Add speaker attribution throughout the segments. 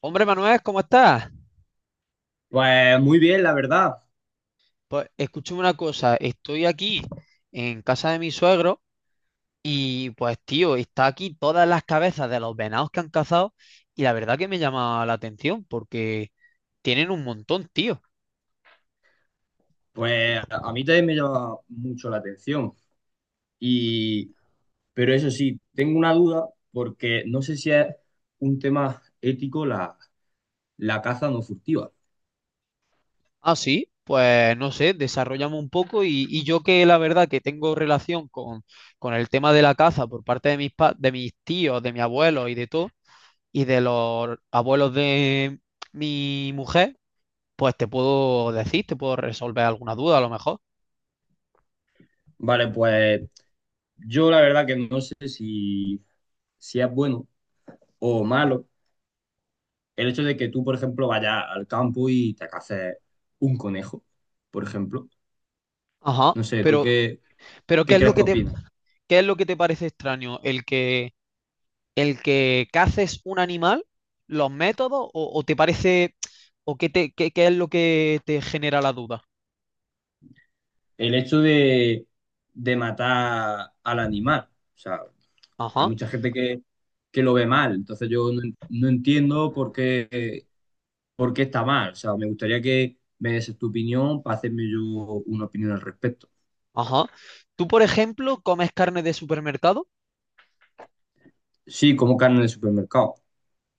Speaker 1: Hombre Manuel, ¿cómo estás?
Speaker 2: Pues muy bien, la verdad.
Speaker 1: Pues escúchame una cosa, estoy aquí en casa de mi suegro y pues tío, está aquí todas las cabezas de los venados que han cazado y la verdad que me llama la atención porque tienen un montón, tío.
Speaker 2: Pues a mí también me llama mucho la atención. Y, pero eso sí, tengo una duda porque no sé si es un tema ético la caza no furtiva.
Speaker 1: Ah, sí, pues no sé, desarrollamos un poco y yo que la verdad que tengo relación con el tema de la caza por parte de de mis tíos, de mi abuelo y de todo, y de los abuelos de mi mujer pues te puedo decir, te puedo resolver alguna duda a lo mejor.
Speaker 2: Vale, pues yo la verdad que no sé si es bueno o malo el hecho de que tú, por ejemplo, vayas al campo y te caces un conejo, por ejemplo.
Speaker 1: Ajá.
Speaker 2: No sé, ¿tú qué,
Speaker 1: Pero ¿qué
Speaker 2: qué
Speaker 1: es lo
Speaker 2: crees que opinas?
Speaker 1: qué es lo que te parece extraño? ¿El el que caces un animal, los métodos, o te parece, o qué te, qué, qué es lo que te genera la duda?
Speaker 2: El hecho de matar al animal. O sea, hay
Speaker 1: Ajá,
Speaker 2: mucha gente que lo ve mal, entonces yo no entiendo por qué está mal. O sea, me gustaría que me des tu opinión para hacerme yo una opinión al respecto.
Speaker 1: ajá. Tú, por ejemplo, comes carne de supermercado,
Speaker 2: Sí, como carne de supermercado,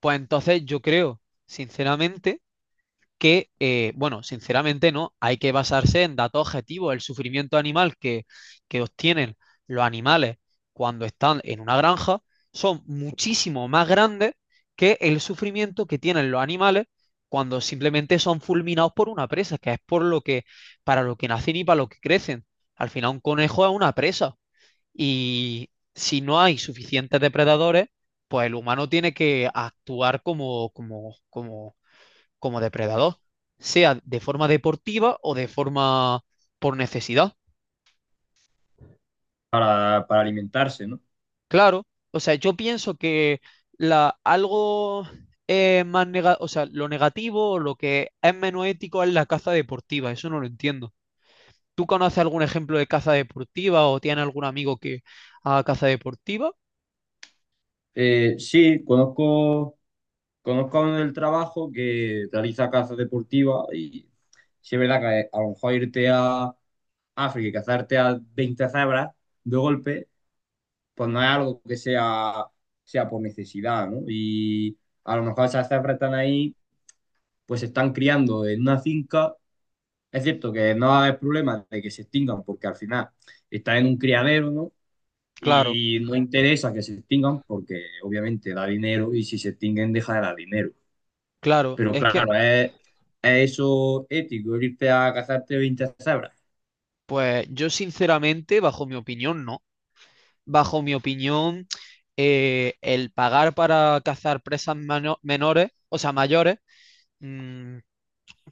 Speaker 1: pues entonces yo creo, sinceramente, que sinceramente no, hay que basarse en datos objetivos. El sufrimiento animal que obtienen los animales cuando están en una granja son muchísimo más grandes que el sufrimiento que tienen los animales cuando simplemente son fulminados por una presa, que es por lo que, para lo que nacen y para lo que crecen. Al final un conejo es una presa y si no hay suficientes depredadores, pues el humano tiene que actuar como como depredador, sea de forma deportiva o de forma por necesidad.
Speaker 2: para alimentarse, ¿no?
Speaker 1: Claro, o sea, yo pienso que la, algo más nega- o sea, lo negativo o lo que es menos ético es la caza deportiva, eso no lo entiendo. ¿Tú conoces algún ejemplo de caza deportiva o tienes algún amigo que haga caza deportiva?
Speaker 2: Sí, conozco a uno del trabajo que realiza caza deportiva y sí es verdad que a lo mejor irte a África y cazarte a 20 cebras de golpe pues no es algo que sea por necesidad, ¿no? Y a lo mejor esas cebras están ahí, pues se están criando en una finca. Es cierto que no va a haber problema de que se extingan porque al final están en un criadero, ¿no?
Speaker 1: Claro,
Speaker 2: Y no interesa que se extingan porque obviamente da dinero y si se extinguen deja de dar dinero.
Speaker 1: claro,
Speaker 2: Pero
Speaker 1: es que,
Speaker 2: claro, es eso ético, irte a cazarte 20 cebras.
Speaker 1: pues yo sinceramente, bajo mi opinión, no. Bajo mi opinión, el pagar para cazar presas mano- menores, o sea, mayores, mm,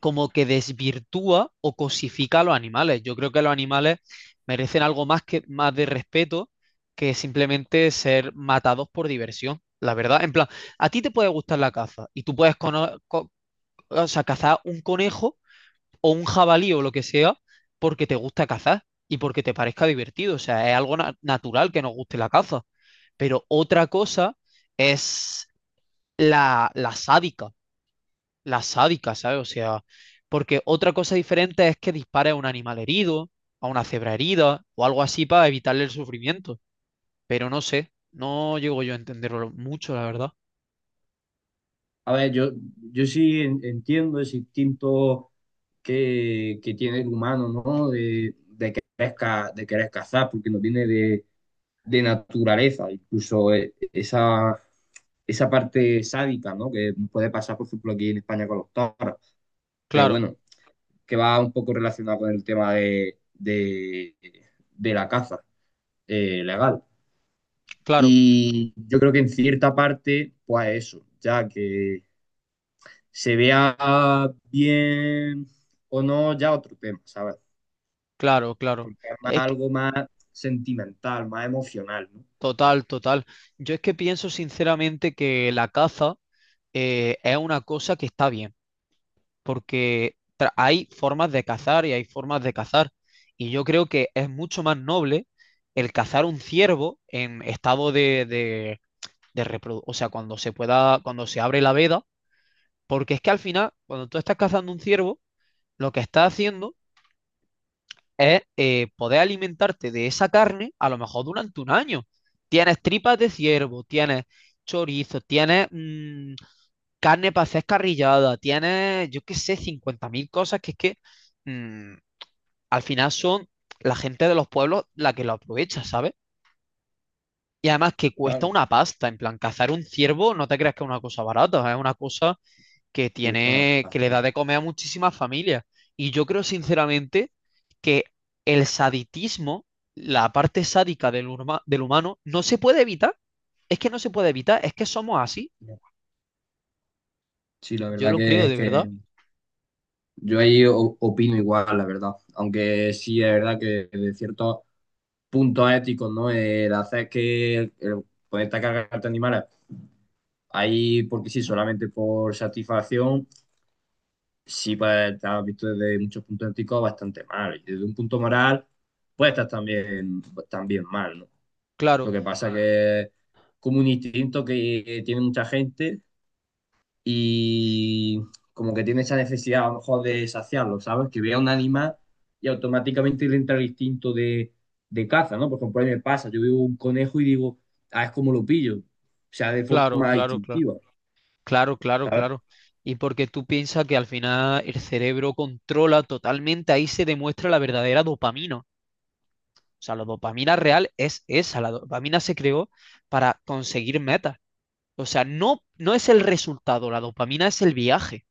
Speaker 1: como que desvirtúa o cosifica a los animales. Yo creo que los animales merecen algo más que más de respeto que simplemente ser matados por diversión. La verdad, en plan, a ti te puede gustar la caza y tú puedes o sea, cazar un conejo o un jabalí o lo que sea porque te gusta cazar y porque te parezca divertido. O sea, es algo na- natural que nos guste la caza. Pero otra cosa es la, la sádica, la sádica, ¿sabes? O sea, porque otra cosa diferente es que dispare a un animal herido, a una cebra herida o algo así para evitarle el sufrimiento. Pero no sé, no llego yo a entenderlo mucho, la verdad.
Speaker 2: A ver, yo sí entiendo ese instinto que tiene el humano, ¿no? De querer cazar, porque no viene de naturaleza, incluso esa parte sádica, ¿no? Que puede pasar, por ejemplo, aquí en España con los toros, pero
Speaker 1: Claro,
Speaker 2: bueno, que va un poco relacionado con el tema de la caza legal.
Speaker 1: claro,
Speaker 2: Y yo creo que en cierta parte, pues eso, ya que se vea bien o no, ya otro tema, ¿sabes?
Speaker 1: claro, claro.
Speaker 2: Porque es más
Speaker 1: Es que...
Speaker 2: algo más sentimental, más emocional, ¿no?
Speaker 1: Total, total. Yo es que pienso sinceramente que la caza es una cosa que está bien, porque tra- hay formas de cazar y hay formas de cazar. Y yo creo que es mucho más noble el cazar un ciervo en estado de reprodu- o sea, cuando se pueda, cuando se abre la veda, porque es que al final, cuando tú estás cazando un ciervo, lo que estás haciendo es poder alimentarte de esa carne a lo mejor durante 1 año. Tienes tripas de ciervo, tienes chorizo, tienes carne para hacer carrillada, tienes, yo qué sé, 50.000 cosas que es que mm, al final son la gente de los pueblos la que lo aprovecha, ¿sabes? Y además que cuesta
Speaker 2: Claro.
Speaker 1: una pasta, en plan, cazar un ciervo no te creas que es una cosa barata, es una cosa que
Speaker 2: Cuesta una
Speaker 1: tiene, que le da
Speaker 2: pasta.
Speaker 1: de comer a muchísimas familias. Y yo creo sinceramente que el saditismo, la parte sádica del, huma- del humano, no se puede evitar. Es que no se puede evitar, es que somos así.
Speaker 2: Sí, la
Speaker 1: Yo
Speaker 2: verdad
Speaker 1: lo
Speaker 2: que
Speaker 1: creo
Speaker 2: es
Speaker 1: de verdad.
Speaker 2: que yo ahí opino igual, la verdad. Aunque sí es verdad que de ciertos puntos éticos, ¿no? El hacer que el poder atacar a cargarte animales ahí porque sí, solamente por satisfacción, sí puede estar visto desde muchos puntos éticos bastante mal. Y desde un punto moral, puede estar también, pues, también mal, ¿no? Lo
Speaker 1: Claro,
Speaker 2: que pasa, claro, que es como un instinto que tiene mucha gente y como que tiene esa necesidad a lo mejor de saciarlo, ¿sabes? Que vea un animal y automáticamente le entra el instinto de caza, ¿no? Por ejemplo, a mí me pasa, yo veo un conejo y digo, ah, es como lo pillo. O sea, de
Speaker 1: claro,
Speaker 2: forma
Speaker 1: claro, claro,
Speaker 2: instintiva,
Speaker 1: claro, claro,
Speaker 2: ¿sabes?
Speaker 1: claro. Y porque tú piensas que al final el cerebro controla totalmente, ahí se demuestra la verdadera dopamina. O sea, la dopamina real es esa. La dopamina se creó para conseguir metas. O sea, no es el resultado, la dopamina es el viaje.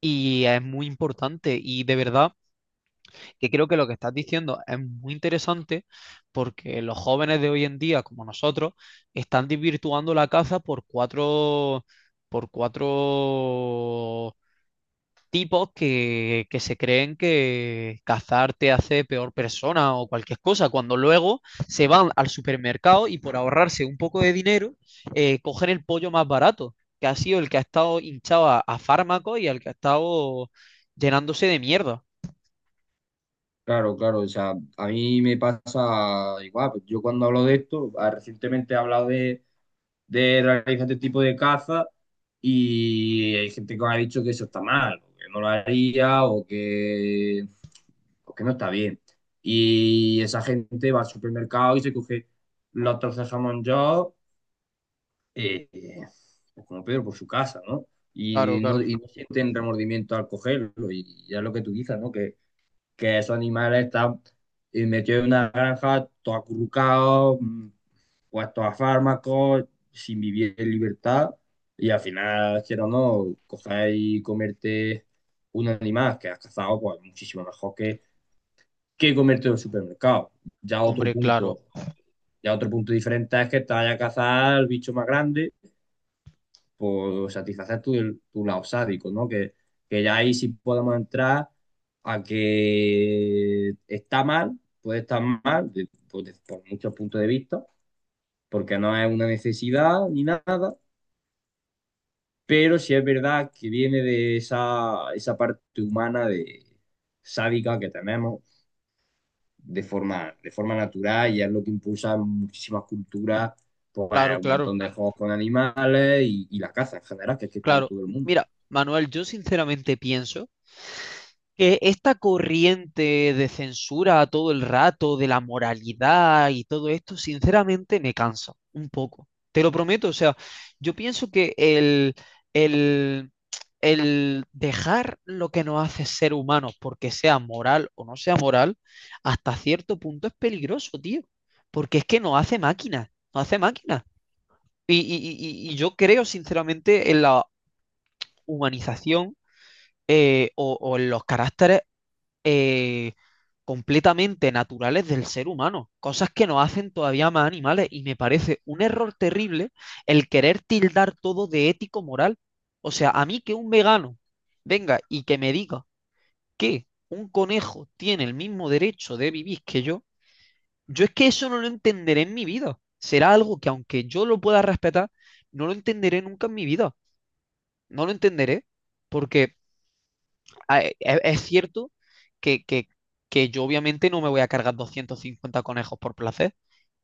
Speaker 1: Y es muy importante y de verdad que creo que lo que estás diciendo es muy interesante porque los jóvenes de hoy en día, como nosotros, están desvirtuando la caza por cuatro tipos que se creen que cazar te hace peor persona o cualquier cosa, cuando luego se van al supermercado y por ahorrarse un poco de dinero, cogen el pollo más barato, que ha sido el que ha estado hinchado a fármacos y al que ha estado llenándose de mierda.
Speaker 2: Claro, claro, o sea, a mí me pasa igual, pues yo cuando hablo de esto, recientemente he hablado de realizar este tipo de caza y hay gente que me ha dicho que eso está mal, o que no lo haría o o que no está bien. Y esa gente va al supermercado y se coge los trozos de jamón yo, eh, pues como Pedro, por su casa, ¿no?
Speaker 1: Claro,
Speaker 2: Y no,
Speaker 1: claro.
Speaker 2: y no sienten remordimiento al cogerlo y ya es lo que tú dices, ¿no? Que esos animales están metidos en una granja, todos acurrucados, puestos a fármacos, sin vivir en libertad, y al final, quiero o no, coger y comerte un animal que has cazado, pues muchísimo mejor que comerte en un supermercado. Ya otro
Speaker 1: Hombre,
Speaker 2: punto,
Speaker 1: claro,
Speaker 2: ya otro punto diferente es que te vaya a cazar el bicho más grande por satisfacer tu lado sádico, ¿no? Que ya ahí sí podemos entrar a que está mal, puede estar mal, pues, por muchos puntos de vista, porque no es una necesidad ni nada, pero sí es verdad que viene de esa parte humana de sádica que tenemos de forma natural y es lo que impulsa en muchísimas culturas, pues
Speaker 1: claro,
Speaker 2: un
Speaker 1: claro,
Speaker 2: montón de juegos con animales y la caza en general, que es que está en
Speaker 1: claro.
Speaker 2: todo el mundo.
Speaker 1: Mira, Manuel, yo sinceramente pienso que esta corriente de censura todo el rato, de la moralidad y todo esto, sinceramente me cansa un poco. Te lo prometo, o sea, yo pienso que el, el dejar lo que nos hace ser humanos, porque sea moral o no sea moral, hasta cierto punto es peligroso, tío, porque es que nos hace máquinas, nos hace máquinas. Y, y- y y yo creo, sinceramente, en la humanización o en los caracteres eh, completamente naturales del ser humano, cosas que nos hacen todavía más animales y me parece un error terrible el querer tildar todo de ético-moral. O sea, a mí que un vegano venga y que me diga que un conejo tiene el mismo derecho de vivir que yo es que eso no lo entenderé en mi vida. Será algo que aunque yo lo pueda respetar, no lo entenderé nunca en mi vida. No lo entenderé porque es cierto que, que, que yo obviamente no me voy a cargar 250 conejos por placer,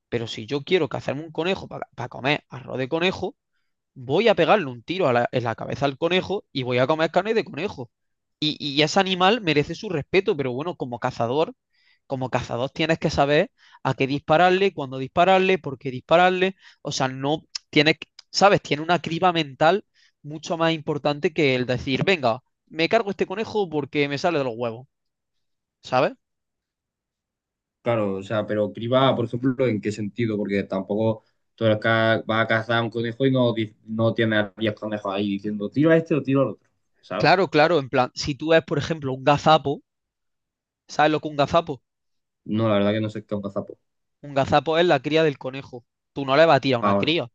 Speaker 1: pero si yo quiero cazarme un conejo para comer arroz de conejo, voy a pegarle un tiro a la- en la cabeza al conejo y voy a comer carne de conejo. Y ese animal merece su respeto, pero bueno, como cazador tienes que saber a qué dispararle, cuándo dispararle, por qué dispararle. O sea, no tienes, que- sabes, tiene una criba mental mucho más importante que el decir, venga, me cargo este conejo porque me sale de los huevos, ¿sabes?
Speaker 2: Claro, o sea, pero criba, por ejemplo, ¿en qué sentido? Porque tampoco tú eres vas a cazar un conejo y no tienes a 10 conejos ahí diciendo tiro a este o tiro al otro, ¿sabes?
Speaker 1: Claro, claro, en plan, si tú ves, por ejemplo, un gazapo, ¿sabes lo que es un gazapo?
Speaker 2: No, la verdad que no sé qué es un cazapo.
Speaker 1: Un gazapo es la cría del conejo. Tú no le vas a tirar a una
Speaker 2: Ahora,
Speaker 1: cría,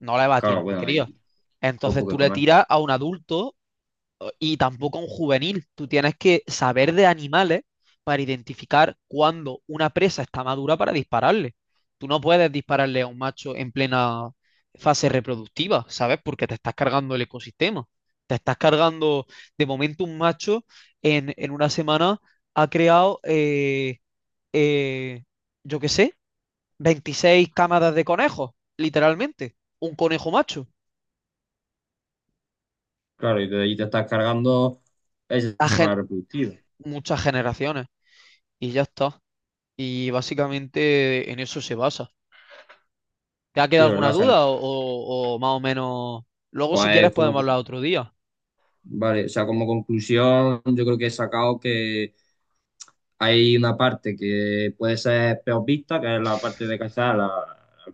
Speaker 1: no le vas a tirar
Speaker 2: claro,
Speaker 1: a una
Speaker 2: bueno, ahí
Speaker 1: cría. Entonces
Speaker 2: poco
Speaker 1: tú
Speaker 2: que
Speaker 1: le
Speaker 2: comer.
Speaker 1: tiras a un adulto y tampoco a un juvenil. Tú tienes que saber de animales para identificar cuándo una presa está madura para dispararle. Tú no puedes dispararle a un macho en plena fase reproductiva, ¿sabes? Porque te estás cargando el ecosistema. Te estás cargando, de momento un macho en una semana ha creado, eh, yo qué sé, 26 cámaras de conejos, literalmente. Un conejo macho.
Speaker 2: Claro, y de ahí te estás cargando ese
Speaker 1: A gen-
Speaker 2: sistema reproductivo.
Speaker 1: muchas generaciones. Y ya está. Y básicamente en eso se basa. ¿Te ha
Speaker 2: Sí,
Speaker 1: quedado
Speaker 2: es verdad,
Speaker 1: alguna
Speaker 2: o sea,
Speaker 1: duda o más o menos? Luego si quieres
Speaker 2: pues como,
Speaker 1: podemos hablar otro día.
Speaker 2: vale, o sea, como conclusión, yo creo que he sacado. Hay una parte que puede ser peor vista, que es la parte de cazar las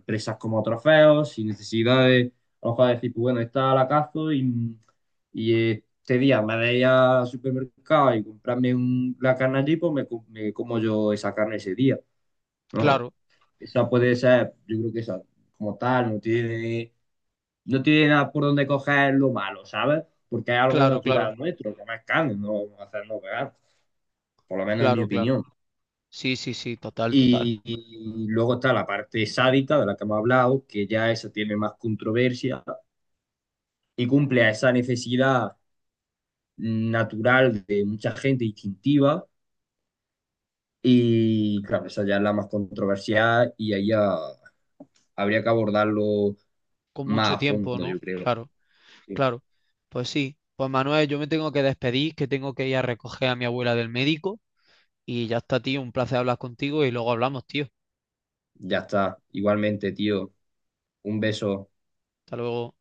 Speaker 2: presas como trofeos, sin necesidad de, a lo mejor decir, pues bueno, esta la cazo y este día me voy al supermercado y comprarme la carne allí, pues me como yo esa carne ese día, ¿no?
Speaker 1: Claro,
Speaker 2: Esa puede ser, yo creo que esa, como tal, no tiene, nada por donde coger lo malo, ¿sabes? Porque es algo
Speaker 1: claro, claro,
Speaker 2: natural nuestro, que más carne, no vamos a hacernos veganos, por lo menos en mi
Speaker 1: claro, claro.
Speaker 2: opinión.
Speaker 1: Sí, sí, sí, total, total.
Speaker 2: Y luego está la parte sádica de la que hemos hablado, que ya esa tiene más controversia y cumple a esa necesidad natural de mucha gente instintiva. Y claro, esa ya es la más controversial y ahí ya habría que abordarlo
Speaker 1: Con
Speaker 2: más
Speaker 1: mucho
Speaker 2: a
Speaker 1: tiempo,
Speaker 2: fondo,
Speaker 1: ¿no?
Speaker 2: yo creo.
Speaker 1: Claro,
Speaker 2: Sí.
Speaker 1: claro. Pues sí. Pues Manuel, yo me tengo que despedir, que tengo que ir a recoger a mi abuela del médico. Y ya está, tío. Un placer hablar contigo y luego hablamos, tío.
Speaker 2: Ya está. Igualmente, tío, un beso.
Speaker 1: Hasta luego.